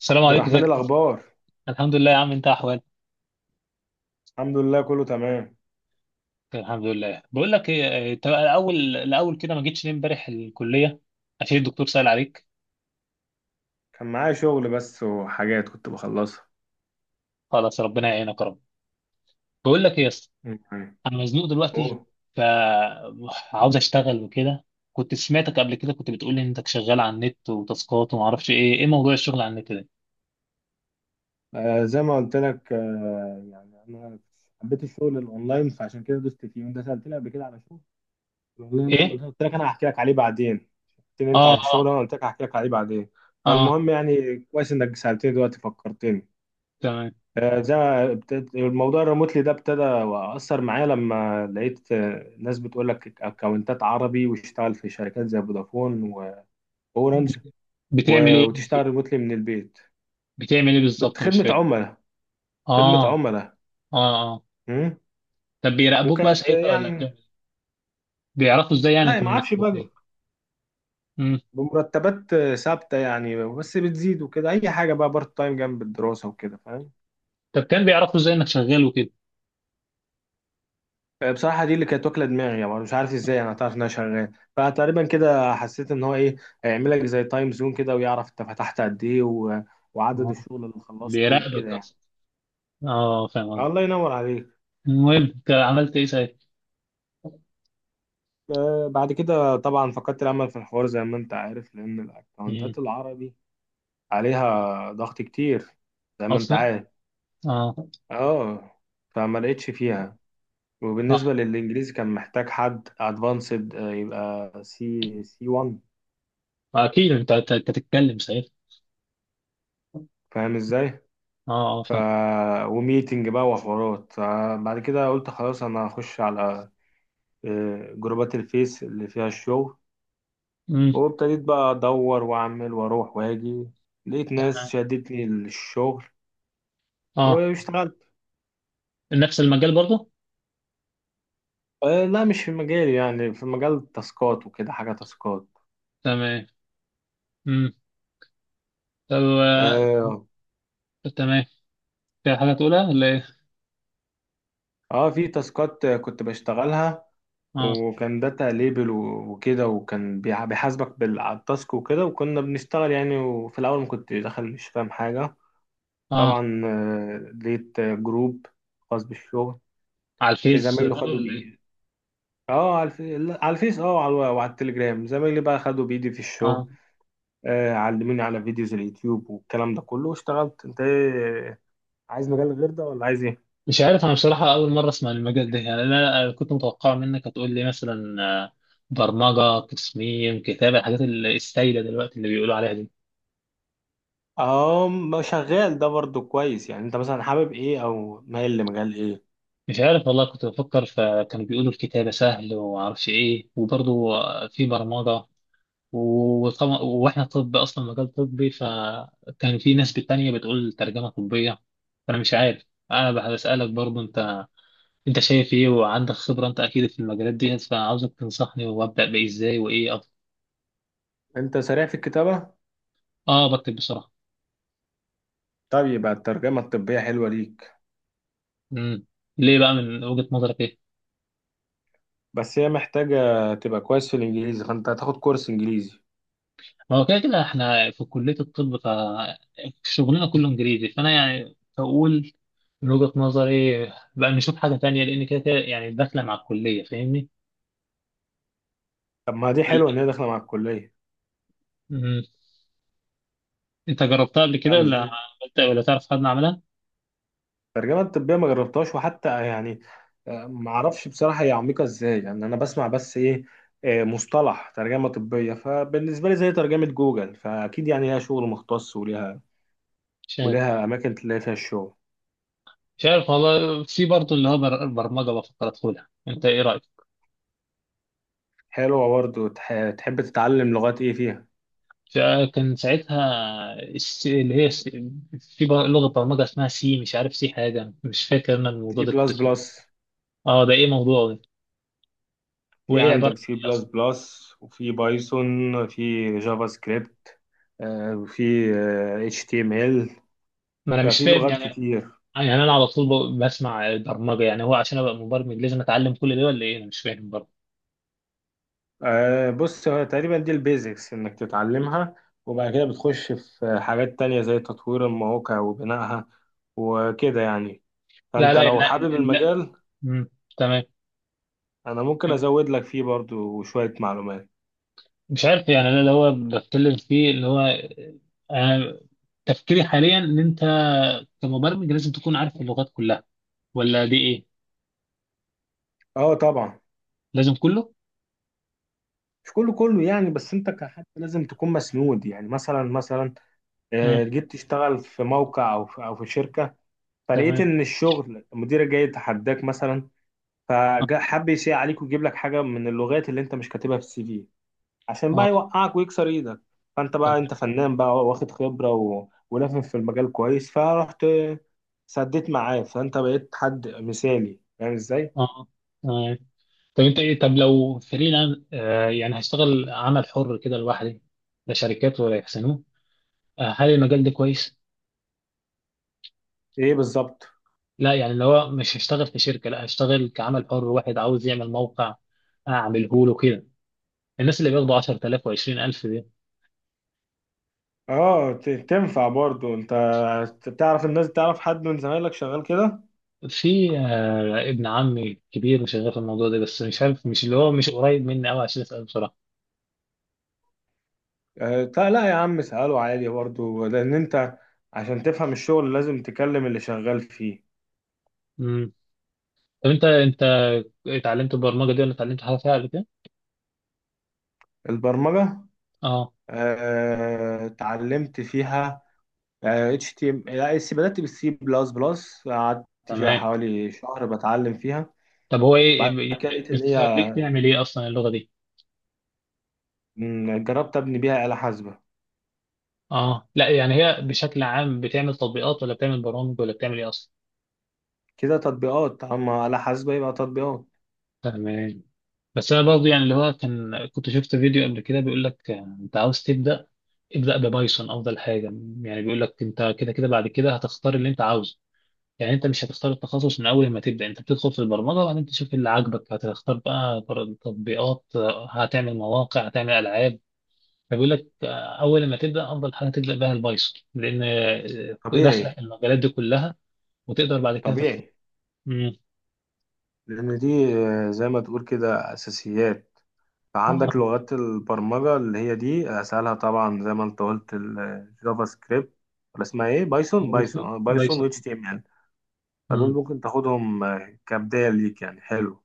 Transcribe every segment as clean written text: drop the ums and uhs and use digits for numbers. السلام عبد عليكم، الرحمن، ازيك يا أسطى؟ الأخبار؟ الحمد لله يا عم، انت احوالك؟ الحمد لله، كله تمام. الحمد لله. بقول لك ايه. اه، انت الاول الاول كده ما جيتش ليه امبارح الكليه؟ عشان الدكتور سأل عليك. كان معايا شغل بس وحاجات كنت بخلصها. خلاص، ربنا يعينك يا رب. بقول لك ايه يا اسطى، مم. انا مزنوق دلوقتي، أوه. فعاوز اشتغل وكده. كنت سمعتك قبل كده كنت بتقول لي انك شغال على النت وتاسكات وما اعرفش ايه، ايه موضوع الشغل على النت ده؟ آه، زي ما قلت لك، يعني أنا حبيت الشغل الأونلاين، فعشان كده دوست فيه، وأنت سألتني قبل كده على شغل الأونلاين ده، وقلت ايه؟ قلت لك أنا هحكي لك عليه بعدين. قلت لي أنت اه، على الشغل ده، اه. وأنا قلت لك هحكي لك عليه بعدين. اه، اه، فالمهم يعني كويس إنك سألتني دلوقتي، فكرتني. تمام. زي ما الموضوع الريموتلي ده ابتدى، واثر معايا لما لقيت ناس بتقول لك اكونتات عربي، واشتغل في شركات زي فودافون واورنج. بتعمل ايه وتشتغل فيه؟ ريموتلي من البيت. بتعمل ايه بالظبط؟ مش خدمه فاكر. عملاء، خدمه اه. عملاء. اه، اه. مم. طب بيراقبوك بقى وكانت ساعتها ولا بتعمل؟ بيعرفوا ازاي يعني لا، ما انك اعرفش بقى. شغال؟ مم. بمرتبات ثابته يعني، بس بتزيد وكده، اي حاجه بقى، بارت تايم جنب الدراسه وكده، فاهم. طب كان بيعرفوا ازاي انك شغال وكده؟ بصراحة دي اللي كانت واكلة دماغي، يعني مش عارف ازاي انا تعرف ان انا شغال. فتقريبا كده حسيت ان هو ايه، هيعمل لك زي تايم زون كده، ويعرف انت فتحت قد ايه وعدد آه، الشغل اللي خلصته وكده بيراقبك يعني. اصلا. اه، فاهم قصدي. الله ينور عليك. المهم انت عملت ايه ساعتها؟ بعد كده طبعا فقدت الامل في الحوار زي ما انت عارف، لان مم. الاكونتات العربي عليها ضغط كتير، زي ما انت اصلا. عارف. اه، اه. فما لقيتش فيها. وبالنسبة اه. للانجليزي كان محتاج حد ادفانسد، يبقى سي سي 1. اكيد أنت تتكلم ساعتها. فاهم ازاي؟ اه، اه، ف فاهم. وميتنج بقى وحوارات. فبعد كده قلت خلاص، انا هخش على جروبات الفيس اللي فيها الشغل. مم. وابتديت بقى ادور واعمل واروح واجي. لقيت ناس تمام. شدتني للشغل، اه. واشتغلت. نفس المجال برضه؟ لا، مش في مجالي، يعني في مجال التاسكات وكده، حاجة تاسكات. تمام. مم. طب اه. تمام. في حاجه تقولها ولا ايه؟ في تاسكات كنت بشتغلها، اه. وكان داتا ليبل وكده، وكان بيحاسبك بالتاسك وكده، وكنا بنشتغل يعني. وفي الاول ما كنت داخل مش فاهم حاجة اه. طبعا. لقيت جروب خاص بالشغل. على الفيس زمايله بقى خدوا ولا ايه؟ بإيدي. اه، على لا، على الفيس، اه، وعلى التليجرام، زمايلي بقى خدوا بإيدي في الشغل. اه. آه، علموني على فيديوز اليوتيوب والكلام ده كله، واشتغلت. انت ايه، عايز مجال غير ده ولا عايز ايه؟ مش عارف انا بصراحة، اول مرة اسمع عن المجال ده. يعني انا كنت متوقع منك هتقول لي مثلا برمجة، تصميم، كتابة، الحاجات السايدة دلوقتي اللي بيقولوا عليها دي. اه، ما شغال ده برضو كويس. يعني انت مثلا حابب ايه او مايل لمجال ايه؟ مش عارف والله، كنت بفكر، فكانوا بيقولوا الكتابة سهل ومعرفش ايه، وبرضه في برمجة. وطبعا واحنا طب اصلا، مجال طبي، فكان في ناس تانية بتقول ترجمة طبية. فانا مش عارف، انا بسألك برضه انت. انت شايف ايه؟ وعندك خبرة انت اكيد في المجالات دي، فعاوزك تنصحني، وابدأ بايه؟ ازاي؟ وايه؟ انت سريع في الكتابة؟ اه، بكتب بسرعه. طب يبقى الترجمة الطبية حلوة ليك. امم. ليه بقى من وجهه نظرك ايه؟ بس هي محتاجة تبقى كويس في الانجليزي، فانت هتاخد كورس انجليزي. ما هو كده كده احنا في كليه الطب، ف شغلنا كله انجليزي. فانا يعني بقول من وجهه نظري بقى نشوف حاجه تانية، لان كده كده يعني داخله مع الكليه، فاهمني؟ طب ما دي حلوة ولا- ان هي داخلة مع الكلية. امم. انت جربتها قبل كده؟ فاهم ولا ازاي؟ عملت؟ ولا تعرف حد عملها؟ الترجمه الطبيه ما جربتهاش، وحتى يعني ما اعرفش بصراحه هي عميقه ازاي. يعني انا بسمع بس ايه، مصطلح ترجمه طبيه، فبالنسبه لي زي ترجمه جوجل، فاكيد يعني ليها شغل مختص، وليها مش عارف. وليها اماكن تلاقي فيها الشغل. مش عارف والله. في برضه اللي هو برمجه، بفكر ادخلها. انت ايه رايك؟ حلوه برضه. تحب تتعلم لغات ايه فيها؟ كان ساعتها اللي هي في لغة برمجة اسمها سي، مش عارف سي حاجة، مش فاكر أنا الموضوع سي ده كنت بلس اسمه إيه. بلس. اه، ده إيه موضوع ده؟ في وإيه عبارة عندك عن سي إيه بلس أصلا؟ بلس، وفي بايثون، في جافا سكريبت، وفي اتش تي ام ال. ما أنا مش ففي فاهم لغات يعني. كتير. يعني أنا على طول بسمع برمجة، يعني هو عشان أبقى مبرمج لازم أتعلم كل ده ولا إيه؟ أنا مش فاهم برضه. آه، بص، هو تقريبا دي البيزكس انك تتعلمها، وبعد كده بتخش في حاجات تانية زي تطوير المواقع وبنائها وكده يعني. لا، فانت لا، لو لا، حابب لا. المجال، مم. تمام. انا ممكن ازود لك فيه برضو شوية معلومات. مش عارف يعني، أنا اللي هو بتكلم فيه اللي هو، أنا تفكيري حاليا إن أنت كمبرمج لازم تكون عارف اللغات كلها، ولا دي إيه؟ اه طبعا. لازم كله؟ مش كله كله يعني، بس انت كحد لازم تكون مسنود. يعني مثلا مم. جيت تشتغل في موقع، او في، او في شركة، فلقيت تمام. ان الشغل مديرك جاي يتحداك مثلا، فحب يسيء عليك ويجيب لك حاجة من اللغات اللي انت مش كاتبها في السي في، عشان اه. بقى يوقعك ويكسر ايدك. فانت بقى تمام. انت فنان بقى، واخد خبرة ولافف في المجال كويس، فرحت سديت معاه، فانت بقيت حد مثالي. فاهم ازاي؟ اه. تمام. طب انت ايه؟ طب لو فريلانس، يعني هشتغل عمل حر كده لوحدي، لا شركات ولا يحسنوه، هل المجال ده كويس؟ ايه بالظبط؟ لا يعني اللي هو مش هشتغل في شركة، لا هشتغل كعمل حر. واحد عاوز يعمل موقع، اعمله له كده. الناس اللي بياخدوا 10000 و20000 دي. اه، تنفع برضو. انت تعرف الناس، تعرف حد من زمايلك شغال كده؟ في ابن عمي كبير شغال في الموضوع ده، بس مش عارف، مش اللي هو مش قريب مني قوي عشان اسأله بصراحة. آه، لا لا يا عم، اسأله عادي برضو، لان انت عشان تفهم الشغل لازم تكلم اللي شغال فيه. امم. طب انت، اتعلمت البرمجة دي؟ ولا اتعلمت حاجة فيها قبل كده؟ البرمجة، اه. آه، اتعلمت فيها. اتش تي ام لا اس، بدات بالسي بلس بلس، قعدت فيها تمام. حوالي شهر بتعلم فيها. طب هو بعد ايه، كده لقيت ان هي، بتخليك تعمل ايه اصلا اللغه دي؟ مم، جربت ابني بيها آلة حاسبة. اه، لا يعني هي بشكل عام بتعمل تطبيقات ولا بتعمل برامج ولا بتعمل ايه اصلا؟ كده تطبيقات، اما آلة حاسبة يبقى تطبيقات. تمام. بس انا برضه يعني اللي هو، كان كنت شفت فيديو قبل كده بيقول لك انت عاوز تبدا، ابدا ببايثون افضل حاجه. يعني بيقول لك، انت كده كده بعد كده هتختار اللي انت عاوزه. يعني انت مش هتختار التخصص من اول ما تبدا، انت بتدخل في البرمجه وبعدين تشوف اللي عاجبك، هتختار بقى تطبيقات، هتعمل مواقع، هتعمل العاب. فبيقول لك اول ما تبدا افضل حاجه تبدا بها البايثون، لان داخله طبيعي. في المجالات دي كلها. وتقدر بعد كده تختار. طبيعي. امم. لان دي زي ما تقول كده اساسيات. فعندك اه. لغات البرمجة اللي هي دي اسهلها، طبعا زي ما انت قلت الجافا سكريبت، ولا اسمها ايه، بايثون. بايثون، بايثون، اه، بايثون و اتش بايثون. تي ام ال. فدول امم. ممكن تاخدهم كبداية ليك يعني، حلو.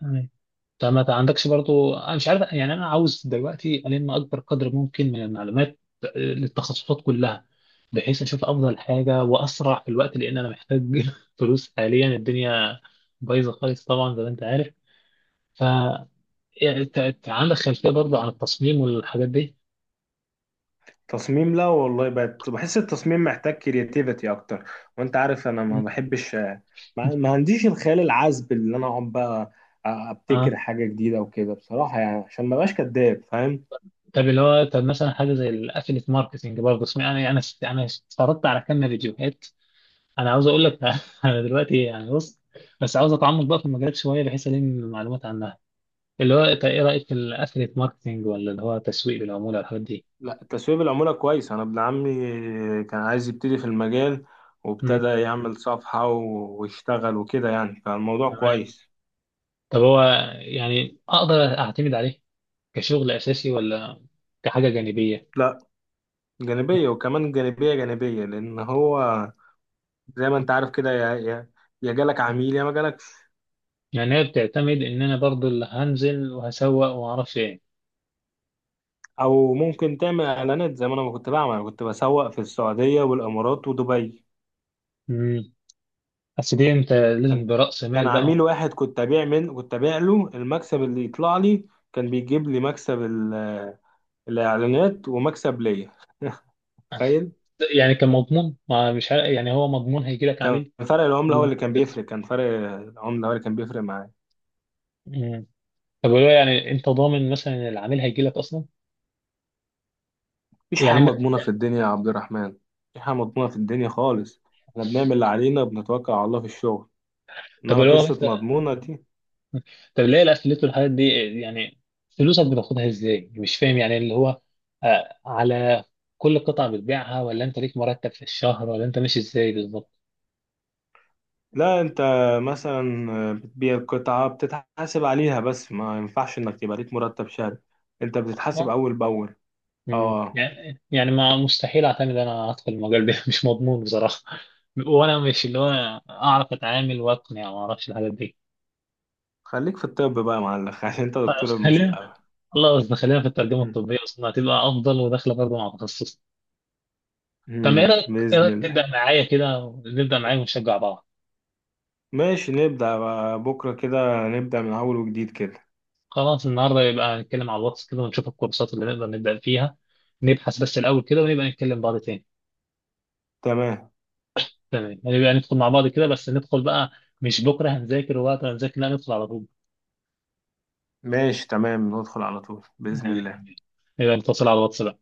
تمام. طب ما عندكش برضو، انا مش عارف يعني، انا عاوز دلوقتي الم اكبر قدر ممكن من المعلومات للتخصصات كلها، بحيث اشوف افضل حاجه واسرع في الوقت، لان انا محتاج فلوس حاليا. الدنيا بايظه خالص طبعا زي ما انت عارف. ف يعني انت، عندك خلفيه برضو عن التصميم والحاجات دي؟ تصميم، لا والله، بقت بحس التصميم محتاج كرياتيفيتي اكتر. وانت عارف انا ما بحبش، ما عنديش الخيال العذب اللي انا اقعد بقى اه. ابتكر حاجه جديده وكده، بصراحه يعني، عشان ما بقاش كداب. فاهم؟ طب اللي هو، طب مثلا حاجه زي الافيليت ماركتنج برضه، اسمع انا اتفرجت على كم فيديوهات. انا عاوز اقول لك انا دلوقتي يعني بص، بس عاوز اتعمق بقى في المجالات شويه بحيث الم معلومات عنها. اللي هو انت ايه رايك في الافيليت ماركتنج ولا اللي هو تسويق بالعموله والحاجات دي؟ لا، التسويق بالعموله كويس. انا ابن عمي كان عايز يبتدي في المجال، امم. وابتدى يعمل صفحه ويشتغل وكده يعني. فالموضوع تمام. كويس. طب هو، يعني اقدر اعتمد عليه كشغل اساسي ولا كحاجه جانبيه؟ لا، جانبيه، مم. وكمان جانبيه جانبيه، لان هو زي ما انت عارف كده، يا جالك عميل يا ما جالك. يعني هي بتعتمد ان انا برضه اللي هنزل وهسوق وما اعرفش ايه. او ممكن تعمل اعلانات زي ما انا كنت بعمل. أنا كنت بسوق في السعوديه والامارات ودبي. امم. بس دي انت لازم كان برأس كان مال عميل بقى. واحد، كنت ابيع له، المكسب اللي يطلع لي كان بيجيب لي، مكسب الاعلانات ومكسب ليا. تخيل. يعني كان مضمون؟ ما مش عارف يعني، هو مضمون هيجي لك عميل ولا أنت بتخسر؟ كان فرق العمله هو اللي كان بيفرق معايا. مم. طب لو يعني انت ضامن مثلا ان العميل هيجي لك اصلا؟ مفيش حاجه يعني ما. مضمونه في الدنيا يا عبد الرحمن، مفيش حاجه مضمونه في الدنيا خالص. احنا بنعمل اللي علينا وبنتوكل على الله في الشغل، طب انما لو قصه مثلا، مضمونه دي. طب ليه الافليت والحاجات دي يعني فلوسك بتاخدها ازاي؟ مش فاهم يعني، اللي هو على كل قطعة بتبيعها؟ ولا انت ليك مرتب في الشهر؟ ولا انت ماشي ازاي بالظبط؟ لا، انت مثلا بتبيع قطعة بتتحاسب عليها، بس ما ينفعش انك تبقى ليك مرتب شهري. انت بتتحاسب اصلا. اول باول. مم. اه. يعني ما مستحيل اعتمد انا ادخل المجال ده مش مضمون بصراحة. وانا مش اللي هو اعرف اتعامل واقنع وما اعرفش الحاجات دي. خليك في الطب بقى يا معلم، عشان انت دكتور خلينا، المستقبل. الله، بس خلينا في الترجمة مم. الطبية أصلا هتبقى أفضل وداخلة برضه مع تخصص. طب مم. إيه بإذن رأيك الله. تبدأ معايا كده؟ نبدأ معايا ونشجع بعض. ماشي، نبدأ بقى بكرة كده، نبدأ من اول وجديد كده. خلاص النهاردة يبقى نتكلم على الواتس كده، ونشوف الكورسات اللي نقدر نبدأ فيها. نبحث بس الأول كده، ونبقى نتكلم بعض تاني. تمام. تمام. يعني نبقى ندخل مع بعض كده، بس ندخل بقى. مش بكرة هنذاكر، وقت هنذاكر، لا، ندخل على طول. ماشي تمام، ندخل على طول بإذن يعني الله. نبقى نتصل على الواتس بقى.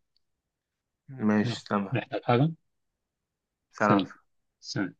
يلا، ماشي تمام. محتاج حاجة؟ سلام. سلام. سلام.